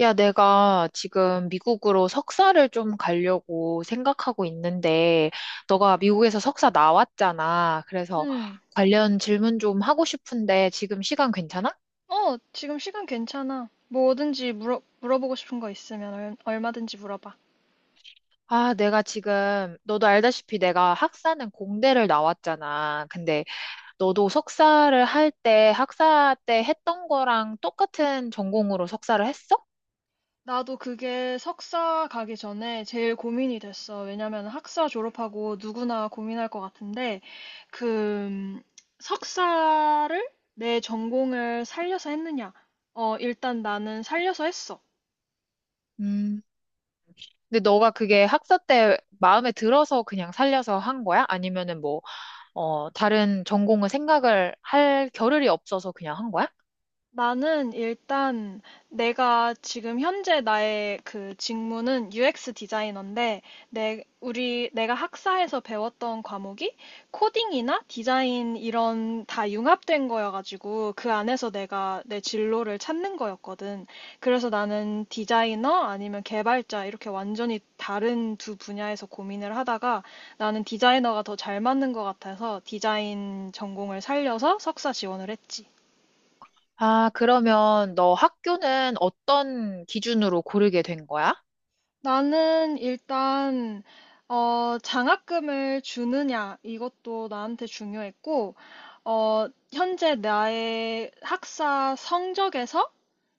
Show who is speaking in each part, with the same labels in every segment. Speaker 1: 야, 내가 지금 미국으로 석사를 좀 가려고 생각하고 있는데, 너가 미국에서 석사 나왔잖아. 그래서
Speaker 2: 응,
Speaker 1: 관련 질문 좀 하고 싶은데, 지금 시간 괜찮아?
Speaker 2: 어, 지금 시간 괜찮아. 뭐든지 물어보고 싶은 거 있으면 얼마든지 물어봐.
Speaker 1: 아, 내가 지금, 너도 알다시피 내가 학사는 공대를 나왔잖아. 근데 너도 석사를 할 때, 학사 때 했던 거랑 똑같은 전공으로 석사를 했어?
Speaker 2: 나도 그게 석사 가기 전에 제일 고민이 됐어. 왜냐면 학사 졸업하고 누구나 고민할 것 같은데, 그, 음, 석사를 내 전공을 살려서 했느냐? 일단 나는 살려서 했어.
Speaker 1: 음. 근데 너가 그게 학사 때 마음에 들어서 그냥 살려서 한 거야? 아니면은 뭐, 다른 전공을 생각을 할 겨를이 없어서 그냥 한 거야?
Speaker 2: 나는 일단 내가 지금 현재 나의 그 직무는 UX 디자이너인데 내 우리 내가 학사에서 배웠던 과목이 코딩이나 디자인 이런 다 융합된 거여가지고 그 안에서 내가 내 진로를 찾는 거였거든. 그래서 나는 디자이너 아니면 개발자 이렇게 완전히 다른 두 분야에서 고민을 하다가 나는 디자이너가 더 잘 맞는 것 같아서 디자인 전공을 살려서 석사 지원을 했지.
Speaker 1: 아, 그러면 너 학교는 어떤 기준으로 고르게 된 거야?
Speaker 2: 나는 일단 장학금을 주느냐 이것도 나한테 중요했고 어, 현재 나의 학사 성적에서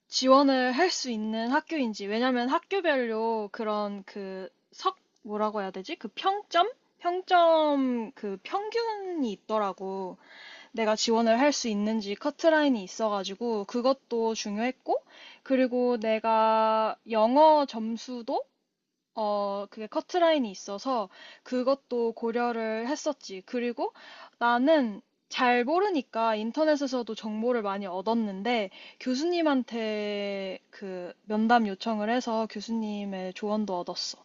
Speaker 2: 지원을 할 수 있는 학교인지, 왜냐면 학교별로 그런 그 석 뭐라고 해야 되지? 그 평점? 평점 그 평균이 있더라고. 내가 지원을 할 수 있는지 커트라인이 있어가지고 그것도 중요했고, 그리고 내가 영어 점수도, 그게 커트라인이 있어서 그것도 고려를 했었지. 그리고 나는 잘 모르니까 인터넷에서도 정보를 많이 얻었는데 교수님한테 그 면담 요청을 해서 교수님의 조언도 얻었어.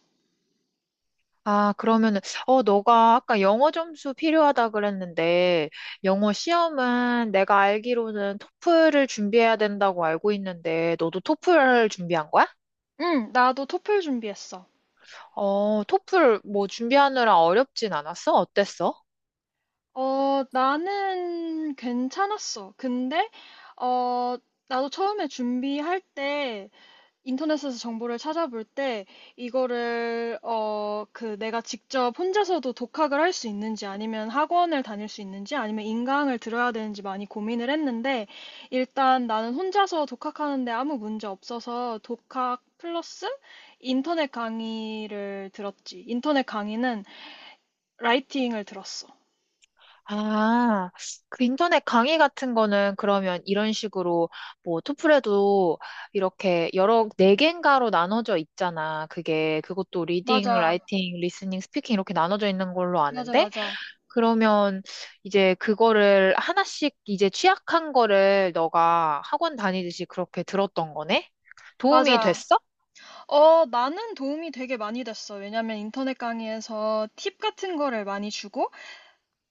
Speaker 1: 아, 그러면은, 너가 아까 영어 점수 필요하다 그랬는데, 영어 시험은 내가 알기로는 토플을 준비해야 된다고 알고 있는데, 너도 토플 준비한 거야?
Speaker 2: 응, 나도 토플 준비했어.
Speaker 1: 어, 토플 뭐 준비하느라 어렵진 않았어? 어땠어?
Speaker 2: 어, 나는 괜찮았어. 근데 어, 나도 처음에 준비할 때 인터넷에서 정보를 찾아볼 때 이거를 그 내가 직접 혼자서도 독학을 할 수 있는지 아니면 학원을 다닐 수 있는지 아니면 인강을 들어야 되는지 많이 고민을 했는데, 일단 나는 혼자서 독학하는데 아무 문제 없어서 독학 플러스 인터넷 강의를 들었지. 인터넷 강의는 라이팅을 들었어.
Speaker 1: 아, 그 인터넷 강의 같은 거는 그러면 이런 식으로 뭐 토플에도 이렇게 여러 네 개인가로 나눠져 있잖아. 그게 그것도 리딩,
Speaker 2: 맞아.
Speaker 1: 라이팅, 리스닝, 스피킹 이렇게 나눠져 있는 걸로
Speaker 2: 맞아,
Speaker 1: 아는데
Speaker 2: 맞아.
Speaker 1: 그러면 이제 그거를 하나씩 이제 취약한 거를 너가 학원 다니듯이 그렇게 들었던 거네? 도움이
Speaker 2: 맞아.
Speaker 1: 됐어?
Speaker 2: 어, 나는 도움이 되게 많이 됐어. 왜냐면 인터넷 강의에서 팁 같은 거를 많이 주고,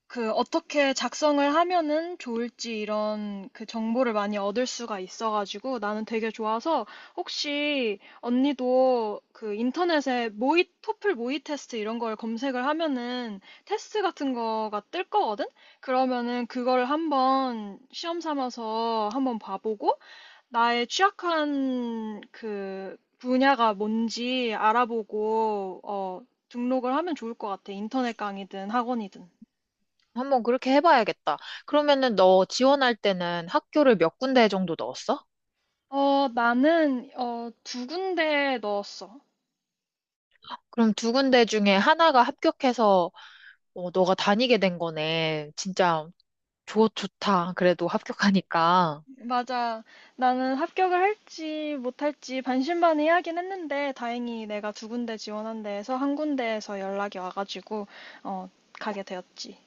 Speaker 2: 그 어떻게 작성을 하면은 좋을지 이런 그 정보를 많이 얻을 수가 있어가지고 나는 되게 좋아서. 혹시 언니도 그 인터넷에 토플 모의 테스트 이런 걸 검색을 하면은 테스트 같은 거가 뜰 거거든? 그러면은 그거를 한번 시험 삼아서 한번 봐보고 나의 취약한 그 분야가 뭔지 알아보고, 어, 등록을 하면 좋을 것 같아. 인터넷 강의든 학원이든.
Speaker 1: 한번 그렇게 해봐야겠다. 그러면은 너 지원할 때는 학교를 몇 군데 정도 넣었어?
Speaker 2: 어, 어, 두 군데 넣었어.
Speaker 1: 그럼 두 군데 중에 하나가 합격해서 어, 너가 다니게 된 거네. 진짜 좋다. 그래도 합격하니까.
Speaker 2: 맞아. 나는 합격을 할지 못할지 반신반의하긴 했는데, 다행히 내가 두 군데 지원한 데에서 한 군데에서 연락이 와가지고, 어, 가게 되었지.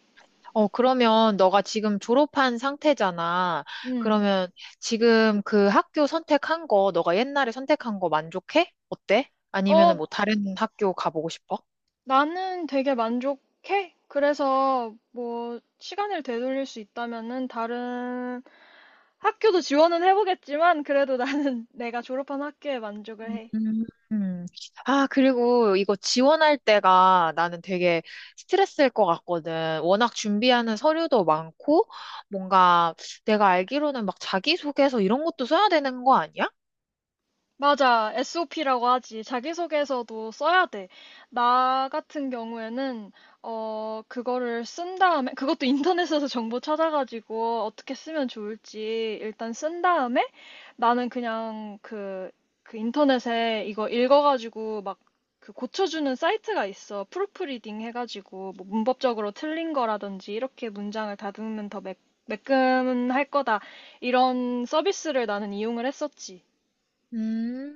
Speaker 1: 어, 그러면 너가 지금 졸업한 상태잖아.
Speaker 2: 음.
Speaker 1: 그러면 지금 그 학교 선택한 거, 너가 옛날에 선택한 거 만족해? 어때? 아니면은
Speaker 2: 어,
Speaker 1: 뭐 다른 학교 가보고 싶어?
Speaker 2: 나는 되게 만족해. 그래서 뭐 시간을 되돌릴 수 있다면은 다른 학교도 지원은 해보겠지만, 그래도 나는 내가 졸업한 학교에 만족을 해.
Speaker 1: 음. 아, 그리고 이거 지원할 때가 나는 되게 스트레스일 것 같거든. 워낙 준비하는 서류도 많고, 뭔가 내가 알기로는 막 자기소개서 이런 것도 써야 되는 거 아니야?
Speaker 2: 맞아. SOP라고 하지. 자기소개서도 써야 돼. 나 같은 경우에는 그거를 쓴 다음에, 그것도 인터넷에서 정보 찾아가지고 어떻게 쓰면 좋을지 일단 쓴 다음에, 나는 그냥 그 인터넷에 이거 읽어가지고 막 그 고쳐주는 사이트가 있어. 프루프리딩 해가지고 뭐 문법적으로 틀린 거라든지 이렇게 문장을 다듬으면 더 매끈할 거다. 이런 서비스를 나는 이용을 했었지.
Speaker 1: 음.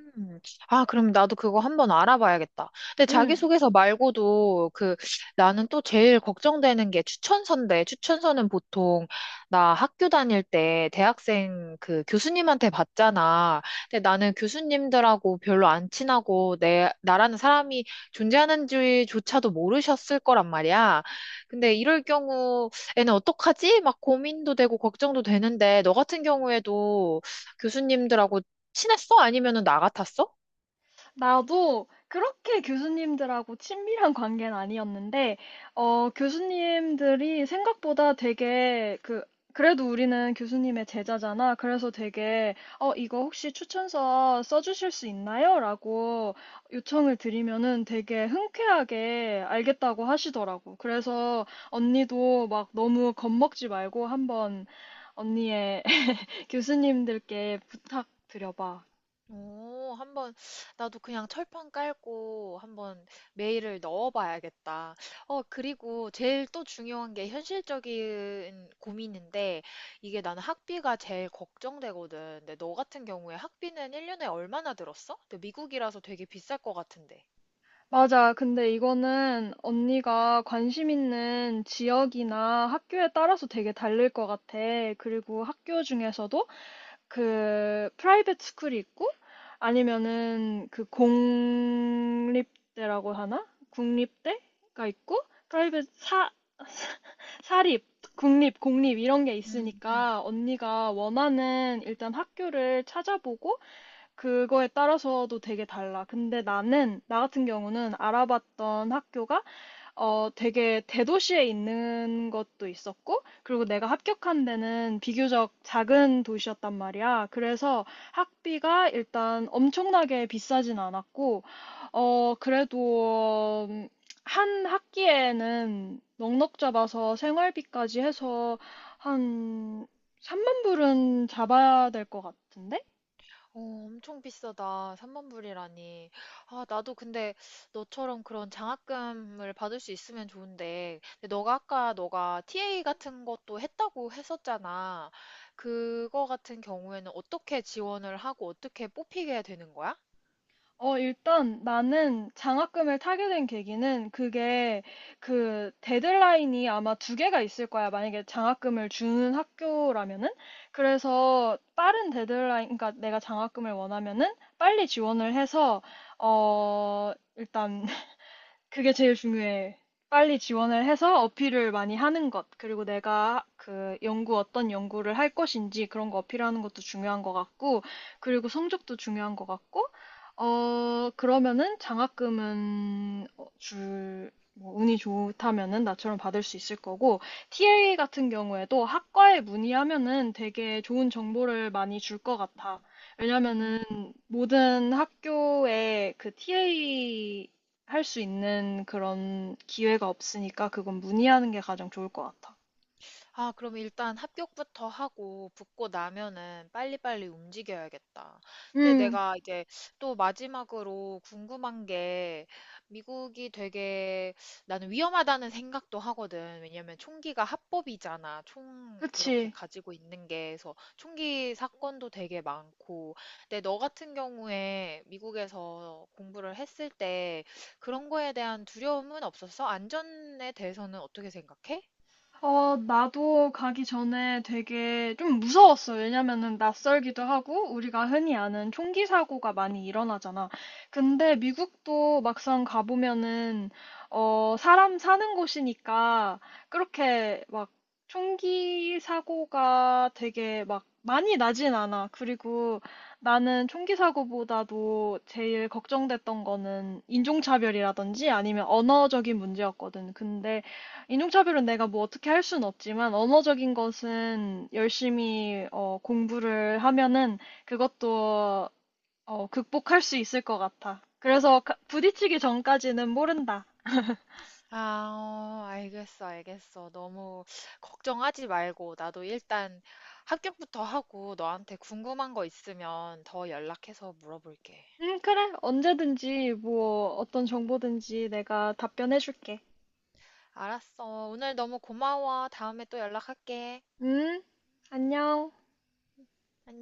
Speaker 1: 아, 그럼 나도 그거 한번 알아봐야겠다. 근데
Speaker 2: 음.
Speaker 1: 자기소개서 말고도 그 나는 또 제일 걱정되는 게 추천서인데, 추천서는 보통 나 학교 다닐 때 대학생 그 교수님한테 받잖아. 근데 나는 교수님들하고 별로 안 친하고 나라는 사람이 존재하는지조차도 모르셨을 거란 말이야. 근데 이럴 경우에는 어떡하지? 막 고민도 되고 걱정도 되는데, 너 같은 경우에도 교수님들하고 친했어? 아니면은 나 같았어?
Speaker 2: 나도 그렇게 교수님들하고 친밀한 관계는 아니었는데, 어, 교수님들이 생각보다 되게 그래도 우리는 교수님의 제자잖아. 그래서 되게, 어, 이거 혹시 추천서 써주실 수 있나요? 라고 요청을 드리면은 되게 흔쾌하게 알겠다고 하시더라고. 그래서 언니도 막 너무 겁먹지 말고 한번 언니의 교수님들께 부탁드려봐.
Speaker 1: 오, 한번 나도 그냥 철판 깔고 한번 메일을 넣어봐야겠다. 어, 그리고 제일 또 중요한 게 현실적인 고민인데 이게 나는 학비가 제일 걱정되거든. 근데 너 같은 경우에 학비는 1년에 얼마나 들었어? 근데 미국이라서 되게 비쌀 것 같은데.
Speaker 2: 맞아. 근데 이거는 언니가 관심 있는 지역이나 학교에 따라서 되게 다를 것 같아. 그리고 학교 중에서도 그 프라이빗 스쿨이 있고, 아니면은 그 공립대라고 하나? 국립대가 있고, 프라이빗 사 사립, 국립, 공립 이런 게
Speaker 1: 음. 음.
Speaker 2: 있으니까 언니가 원하는 일단 학교를 찾아보고 그거에 따라서도 되게 달라. 근데 나 같은 경우는 알아봤던 학교가, 어, 되게 대도시에 있는 것도 있었고, 그리고 내가 합격한 데는 비교적 작은 도시였단 말이야. 그래서 학비가 일단 엄청나게 비싸진 않았고, 어, 그래도, 한 학기에는 넉넉 잡아서 생활비까지 해서 한 3만 불은 잡아야 될 것 같은데?
Speaker 1: 어, 엄청 비싸다. 3만 불이라니. 아, 나도 근데 너처럼 그런 장학금을 받을 수 있으면 좋은데. 근데 너가 아까 너가 TA 같은 것도 했다고 했었잖아. 그거 같은 경우에는 어떻게 지원을 하고 어떻게 뽑히게 되는 거야?
Speaker 2: 어, 일단 나는 장학금을 타게 된 계기는 그게 그 데드라인이 아마 두 개가 있을 거야. 만약에 장학금을 주는 학교라면은. 그래서 빠른 데드라인, 그러니까 내가 장학금을 원하면은 빨리 지원을 해서, 어, 일단 그게 제일 중요해. 빨리 지원을 해서 어필을 많이 하는 것, 그리고 내가 어떤 연구를 할 것인지 그런 거 어필하는 것도 중요한 것 같고, 그리고 성적도 중요한 것 같고, 어, 그러면은 장학금은, 어, 뭐 운이 좋다면은 나처럼 받을 수 있을 거고, TA 같은 경우에도 학과에 문의하면은 되게 좋은 정보를 많이 줄 것 같아. 왜냐면은
Speaker 1: 음.
Speaker 2: 모든 학교에 그 TA 할 수 있는 그런 기회가 없으니까 그건 문의하는 게 가장 좋을 것 같아.
Speaker 1: 아, 그럼 일단 합격부터 하고 붙고 나면은 빨리빨리 움직여야겠다. 근데
Speaker 2: 음,
Speaker 1: 내가 이제 또 마지막으로 궁금한 게 미국이 되게 나는 위험하다는 생각도 하거든. 왜냐면 총기가 합법이잖아. 총 이렇게
Speaker 2: 그치.
Speaker 1: 가지고 있는 게. 그래서 총기 사건도 되게 많고. 근데 너 같은 경우에 미국에서 공부를 했을 때 그런 거에 대한 두려움은 없었어? 안전에 대해서는 어떻게 생각해?
Speaker 2: 어, 나도 가기 전에 되게 좀 무서웠어. 왜냐면은 낯설기도 하고, 우리가 흔히 아는 총기 사고가 많이 일어나잖아. 근데 미국도 막상 가보면은, 어, 사람 사는 곳이니까, 그렇게 막 총기 사고가 되게 막 많이 나진 않아. 그리고 나는 총기 사고보다도 제일 걱정됐던 거는 인종차별이라든지 아니면 언어적인 문제였거든. 근데 인종차별은 내가 뭐 어떻게 할 수는 없지만 언어적인 것은 열심히, 어, 공부를 하면은 그것도, 어, 극복할 수 있을 것 같아. 그래서 부딪히기 전까지는 모른다.
Speaker 1: 아, 어, 알겠어, 알겠어. 너무 걱정하지 말고, 나도 일단 합격부터 하고, 너한테 궁금한 거 있으면 더 연락해서 물어볼게.
Speaker 2: 그래. 언제든지 뭐 어떤 정보든지 내가 답변해줄게.
Speaker 1: 알았어. 오늘 너무 고마워. 다음에 또 연락할게.
Speaker 2: 음, 안녕.
Speaker 1: 안녕.